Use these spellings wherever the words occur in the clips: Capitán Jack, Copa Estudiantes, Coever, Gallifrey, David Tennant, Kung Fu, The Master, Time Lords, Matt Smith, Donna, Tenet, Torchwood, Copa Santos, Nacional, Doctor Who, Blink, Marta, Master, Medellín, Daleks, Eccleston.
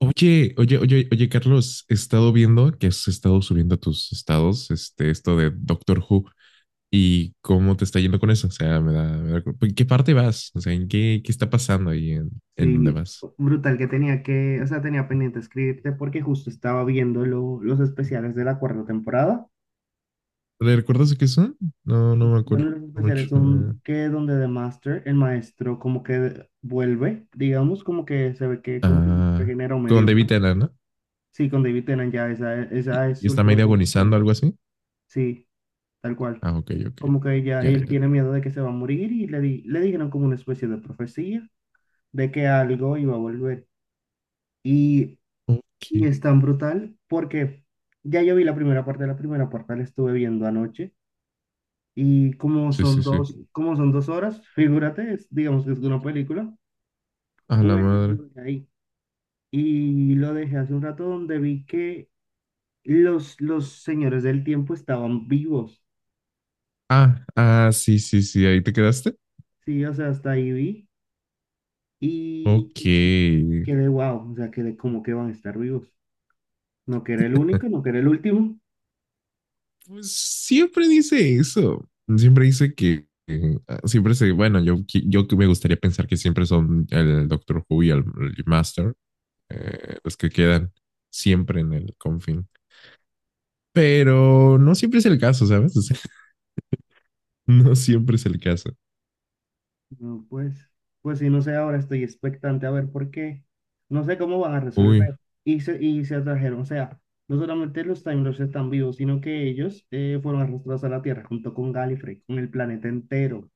Oye, oye, oye, oye, Carlos, he estado viendo que has estado subiendo a tus estados, esto de Doctor Who y cómo te está yendo con eso. O sea, ¿en qué parte vas? O sea, ¿qué está pasando ahí en dónde Sí, vas? brutal que tenía que, o sea, tenía pendiente escribirte porque justo estaba viendo los especiales de la cuarta temporada. ¿Le ¿Recuerdas de qué son? No me acuerdo Bueno, los mucho. especiales son que donde The Master, el maestro, como que vuelve, digamos, como que se ve que como que se Ah, regeneró con medio David mal. Tennant, ¿no? Sí, con David Tennant ya, esa es Y su está última medio temporada. agonizando, algo así. Sí, tal cual. Ah, ok, ok. Como que ya Ya, él ya. tiene miedo de que se va a morir y le dijeron como una especie de profecía de que algo iba a volver. Y Y Ok. es tan brutal porque ya yo vi la primera parte, la primera parte la estuve viendo anoche y Sí, sí, sí. Como son dos horas, figúrate, digamos que es una película, ¡A la pues madre! lo dejé ahí. Y lo dejé hace un rato donde vi que los señores del tiempo estaban vivos, Ah, ah, sí, sí, sí. Ahí te quedaste. sí, o sea, hasta ahí vi y Ok. quedé wow, o sea, quedé como que van a estar vivos. No que era el único, no que era el último. Pues siempre dice eso. Siempre dice que siempre se, bueno, yo, yo que me gustaría pensar que siempre son el Doctor Who y el Master, los que quedan siempre en el confín. Pero no siempre es el caso, ¿sabes? O sea, no siempre es el caso. No, pues, pues sí, no sé, ahora estoy expectante a ver por qué. No sé cómo van a Uy, resolver. Y se atrajeron, o sea, no solamente los Time Lords están vivos, sino que ellos fueron arrastrados a la Tierra junto con Gallifrey, con el planeta entero.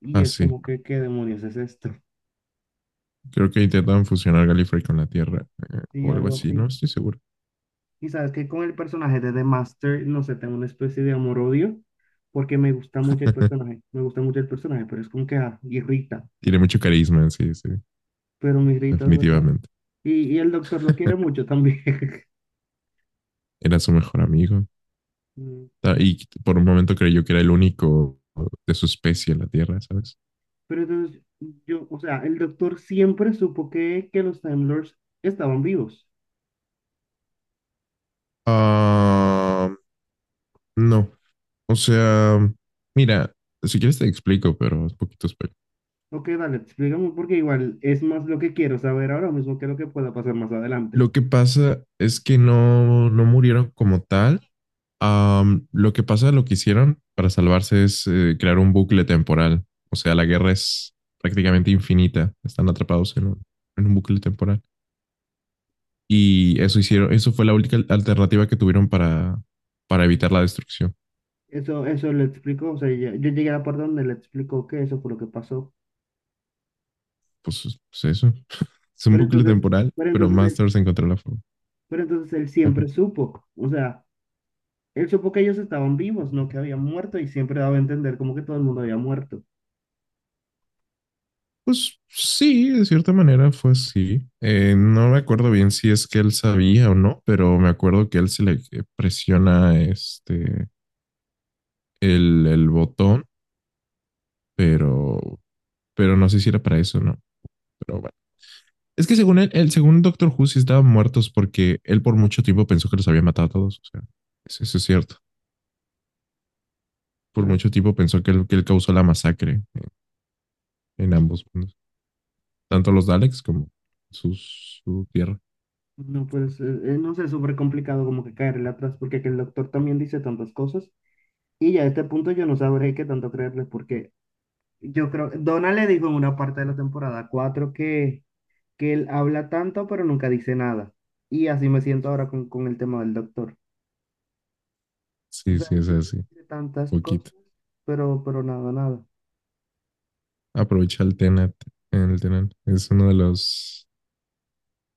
Y es así. como que, ¿qué demonios es esto? Creo que intentan fusionar Gallifrey con la Tierra Y o algo algo así, así. no estoy seguro. Y sabes que con el personaje de The Master, no sé, tengo una especie de amor-odio, porque me gusta mucho el personaje, me gusta mucho el personaje, pero es como que ah, irrita, Tiene mucho carisma, sí, sí, pero me irrita de verdad. definitivamente. Y el doctor lo quiere mucho también. Era su mejor amigo. Y por un momento creyó que era el único de su especie en la Tierra, ¿sabes? Pero entonces, yo, o sea, el doctor siempre supo que los Time Lords estaban vivos. Ah, no. O sea, mira, si quieres te explico, pero es poquito Ok, dale, explícame porque igual es más lo que quiero saber ahora mismo que lo que pueda pasar más adelante. Lo que pasa es que no murieron como tal. Am, lo que pasa, lo que hicieron para salvarse es crear un bucle temporal. O sea, la guerra es prácticamente infinita. Están atrapados en en un bucle temporal. Y eso Esa hicieron, parte, eso fue la única alternativa que tuvieron para evitar la destrucción. Eso le explicó, o sea, yo llegué a la parte donde le explicó que eso fue lo que pasó. Pues eso. Es un Pero bucle entonces, temporal, pero pero entonces él, Masters encontró la forma. pero entonces él Ajá. siempre supo, o sea, él supo que ellos estaban vivos, no que habían muerto y siempre daba a entender como que todo el mundo había muerto. Pues sí, de cierta manera fue así. No me acuerdo bien si es que él sabía o no, pero me acuerdo que él se le presiona este el botón, pero, pero no sé si era para eso, ¿no? Pero bueno. Es que según él, según Doctor Who, sí estaban muertos porque él por mucho tiempo pensó que los había matado a todos. O sea, eso es cierto. Por mucho tiempo pensó que él causó la masacre en ambos mundos. Tanto los Daleks como su tierra. No, pues no sé, es súper complicado como que caerle atrás, porque que el doctor también dice tantas cosas. Y ya a este punto yo no sabré qué tanto creerle, porque yo creo, Donald le dijo en una parte de la temporada 4 que él habla tanto, pero nunca dice nada. Y así me siento ahora con el tema del doctor. O Sí, sea, sí, es así, dice tantas cosas, poquito. Pero nada, nada. Aprovecha el Tenet, el Tenet. Es uno de los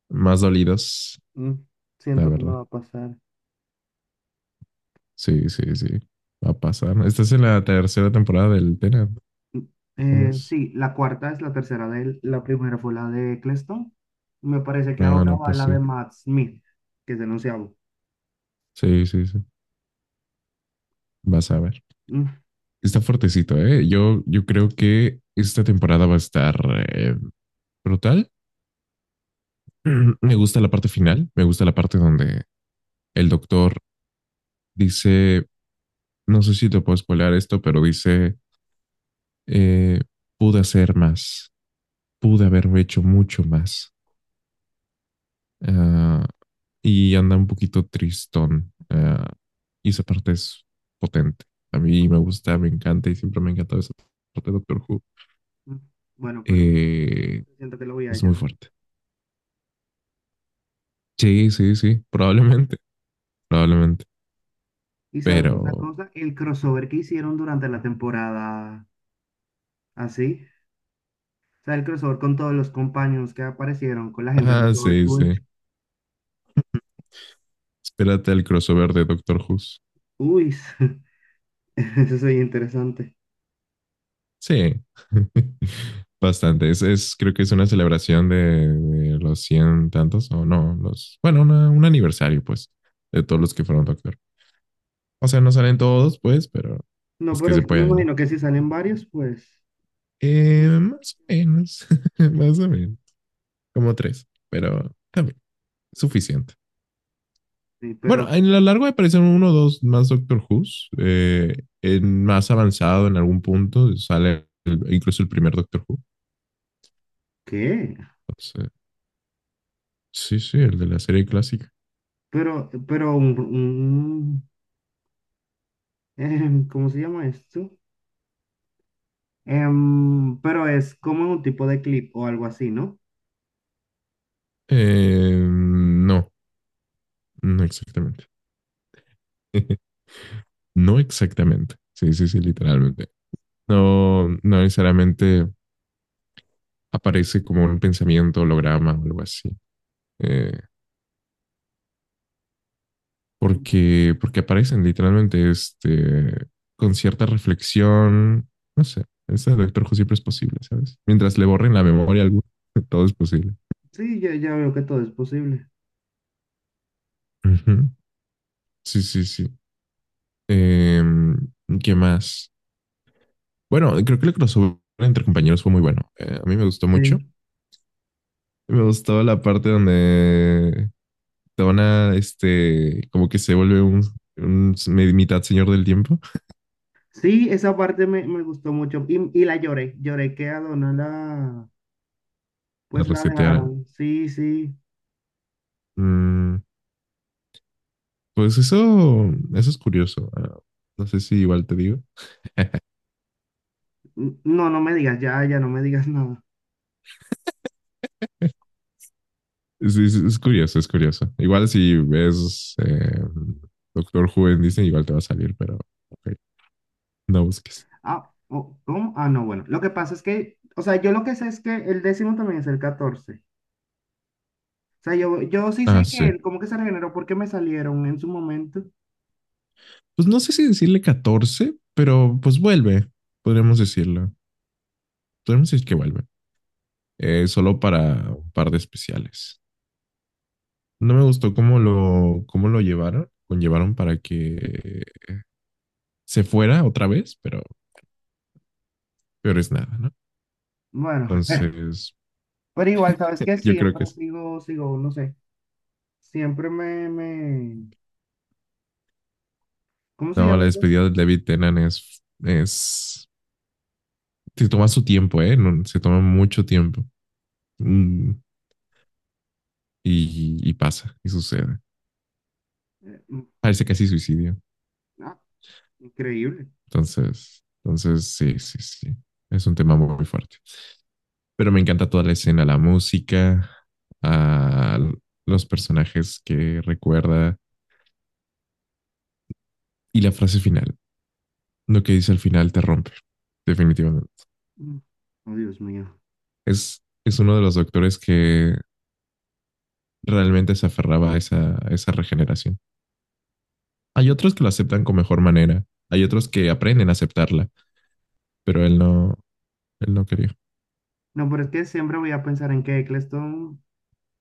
más dolidos, Mm, la siento que no verdad. va a pasar. Sí, sí, sí. Va a pasar. Estás en la tercera temporada del Tenet. ¿Cómo es? Sí, la cuarta es la tercera de él. La primera fue la de Eccleston. Me parece que Ah, ahora no, va pues la sí. de Matt Smith, que es el onceavo. Sí, sí, sí. Vas a ver. Mm, Está fuertecito, ¿eh? Yo creo que esta temporada va a estar eh, brutal. Me gusta la parte final. Me gusta la parte donde el doctor dice, no sé si te puedo spoilear esto, pero dice, eh, pude hacer más, pude haber hecho mucho más. Ah, y anda un poquito tristón. Ah, y esa parte es potente. A mí me gusta, me encanta y siempre me ha encantado esa parte de Doctor Who. mm. Bueno, pero Eh, siento que lo voy a es muy llorar. fuerte. Sí, sí, sí, probablemente, probablemente. Y sabes Pero, una cosa, el crossover que hicieron durante la temporada, así, o sea, el crossover con todos los compañeros que aparecieron, con la gente de ah, sí, Torchwood. sí. Espérate al crossover de Doctor Who. Uy, eso es interesante. Sí, bastante. Creo que es una celebración de los cien tantos, o no, los, bueno, un aniversario, pues, de todos los que fueron doctor. O sea, no salen todos, pues, pero No, es que pero se me puede, ¿no? imagino que si salen varios, pues, pues Más o menos, más o menos, como tres, pero también, suficiente. sí, Bueno, pero en lo largo aparecen uno o dos más Doctor Who's, en más avanzado en algún punto sale incluso el primer Doctor Who. ¿qué? Entonces, sí, sí, el de la serie clásica. Pero, pero, un- un- ¿Cómo se llama esto? Em, pero es como un tipo de clip o algo así, ¿no? No, no exactamente. No exactamente. Sí, sí, sí, literalmente. No, no necesariamente aparece como un pensamiento, holograma o algo así. Eh, porque aparecen literalmente este, con cierta reflexión. No sé, ese Doctor Who siempre es posible, ¿sabes? Mientras le borren la memoria a alguno, todo es posible. Sí, ya, ya veo que todo es posible. Ujú. Sí, sí, sí. Eh, ¿Qué más? Bueno, creo que el crossover entre compañeros fue muy bueno. A mí me gustó mucho. Sí, Me gustaba la parte donde Donna, este, como que se vuelve un mitad señor del tiempo, sí, esa parte me, me gustó mucho y la lloré, lloré que a Donna, la pues la resetearan. dejaron. Sí, sí. Mm, pues eso es curioso. Ah, no sé si igual te digo. No, no me digas, ya, ya no me digas nada. Es, es curioso, es curioso. Igual si ves Doctor Who en Disney, igual te va a salir, pero ok, no busques. Ah, oh, ¿cómo? Ah, no, bueno. Lo que pasa es que, o sea, yo lo que sé es que el décimo también es el 14 sea, yo sí Ah, sé sí. que él como que se regeneró porque me salieron en su momento. Pues no sé si decirle 14, pero pues vuelve, podríamos decirlo. Podríamos decir que vuelve. Eh, solo para un par de especiales. No me gustó cómo lo llevaron, conllevaron para que se fuera otra vez, pero peor es nada, ¿no? Bueno, Entonces, pero igual, ¿sabes que yo creo que siempre sí. sigo, sigo, no sé, siempre me, me, ¿cómo se No, la llama eso? despedida de David Tennant es, se toma su tiempo, ¿eh? No, se toma mucho tiempo. Mm, y pasa, y sucede. Eh, mm, Parece casi suicidio. ah, increíble. Entonces, entonces, sí, sí, sí. Es un tema muy, muy fuerte. Pero me encanta toda la escena, la música, a los personajes que recuerda y la frase final. Lo que dice al final te rompe, definitivamente. Mm, Oh, Dios mío. Es uno de los doctores que realmente se aferraba a esa regeneración. Hay Mm. otros que lo aceptan con mejor manera, hay otros que aprenden a aceptarla, pero él no quería. No, pero es que siempre voy a pensar en que Eccleston,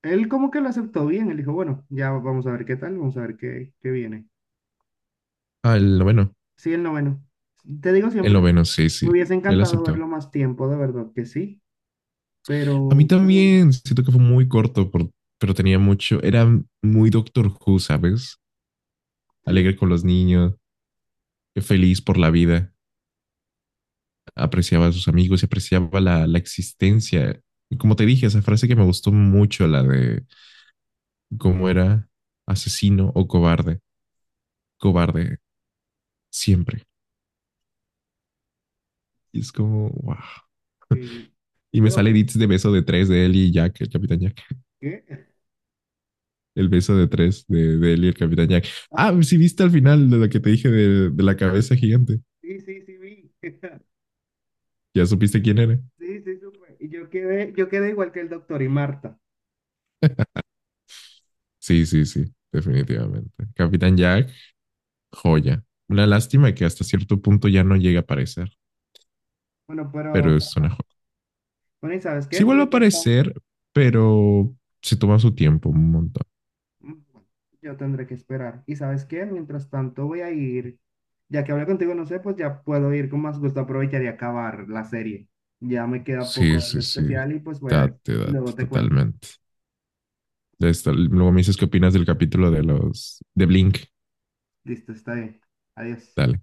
él como que lo aceptó bien, él dijo, bueno, ya vamos a ver qué tal, vamos a ver qué, qué viene. Ah, el noveno. Sí, el noveno. Te digo El siempre, noveno, sí, sí. me hubiese Él encantado aceptó. verlo más tiempo, de verdad que sí, A mí pero también siento que fue muy corto, por, pero tenía mucho. Era muy Doctor Who, ¿sabes? sí, Alegre con los niños, feliz por la vida, apreciaba a sus amigos y apreciaba la existencia. Y como te dije, esa frase que me gustó mucho, la de cómo era asesino o cobarde, cobarde siempre. Y es como, wow. sí, Y me pero sale bueno, edits de beso de tres de él y Jack, el Capitán Jack. ¿qué? El beso de tres de él y el Capitán Jack. Ah, Ah, sí, viste al final de lo que te dije de la cabeza gigante. sí, sí, sí, vi. Ya supiste quién era. Sí, sí, supe. Y yo quedé igual que el doctor y Marta. Sí, sí, sí, definitivamente. Capitán Jack joya. Una lástima que hasta cierto punto ya no llega a aparecer, Bueno, pero pero es bueno, una joya. bueno, ¿y sabes qué? Sí vuelve a Mientras tanto, aparecer, pero se toma su tiempo un montón. yo tendré que esperar. ¿Y sabes qué? Mientras tanto voy a ir, ya que hablé contigo, no sé, pues ya puedo ir con más gusto, aprovechar y acabar la serie. Ya me queda Sí, poco de sí, sí. especial y pues voy a ir. Date, Y date, luego te cuento. totalmente. Ya está. Luego me dices qué opinas del capítulo de los de Blink. Listo, está bien. Adiós. Dale.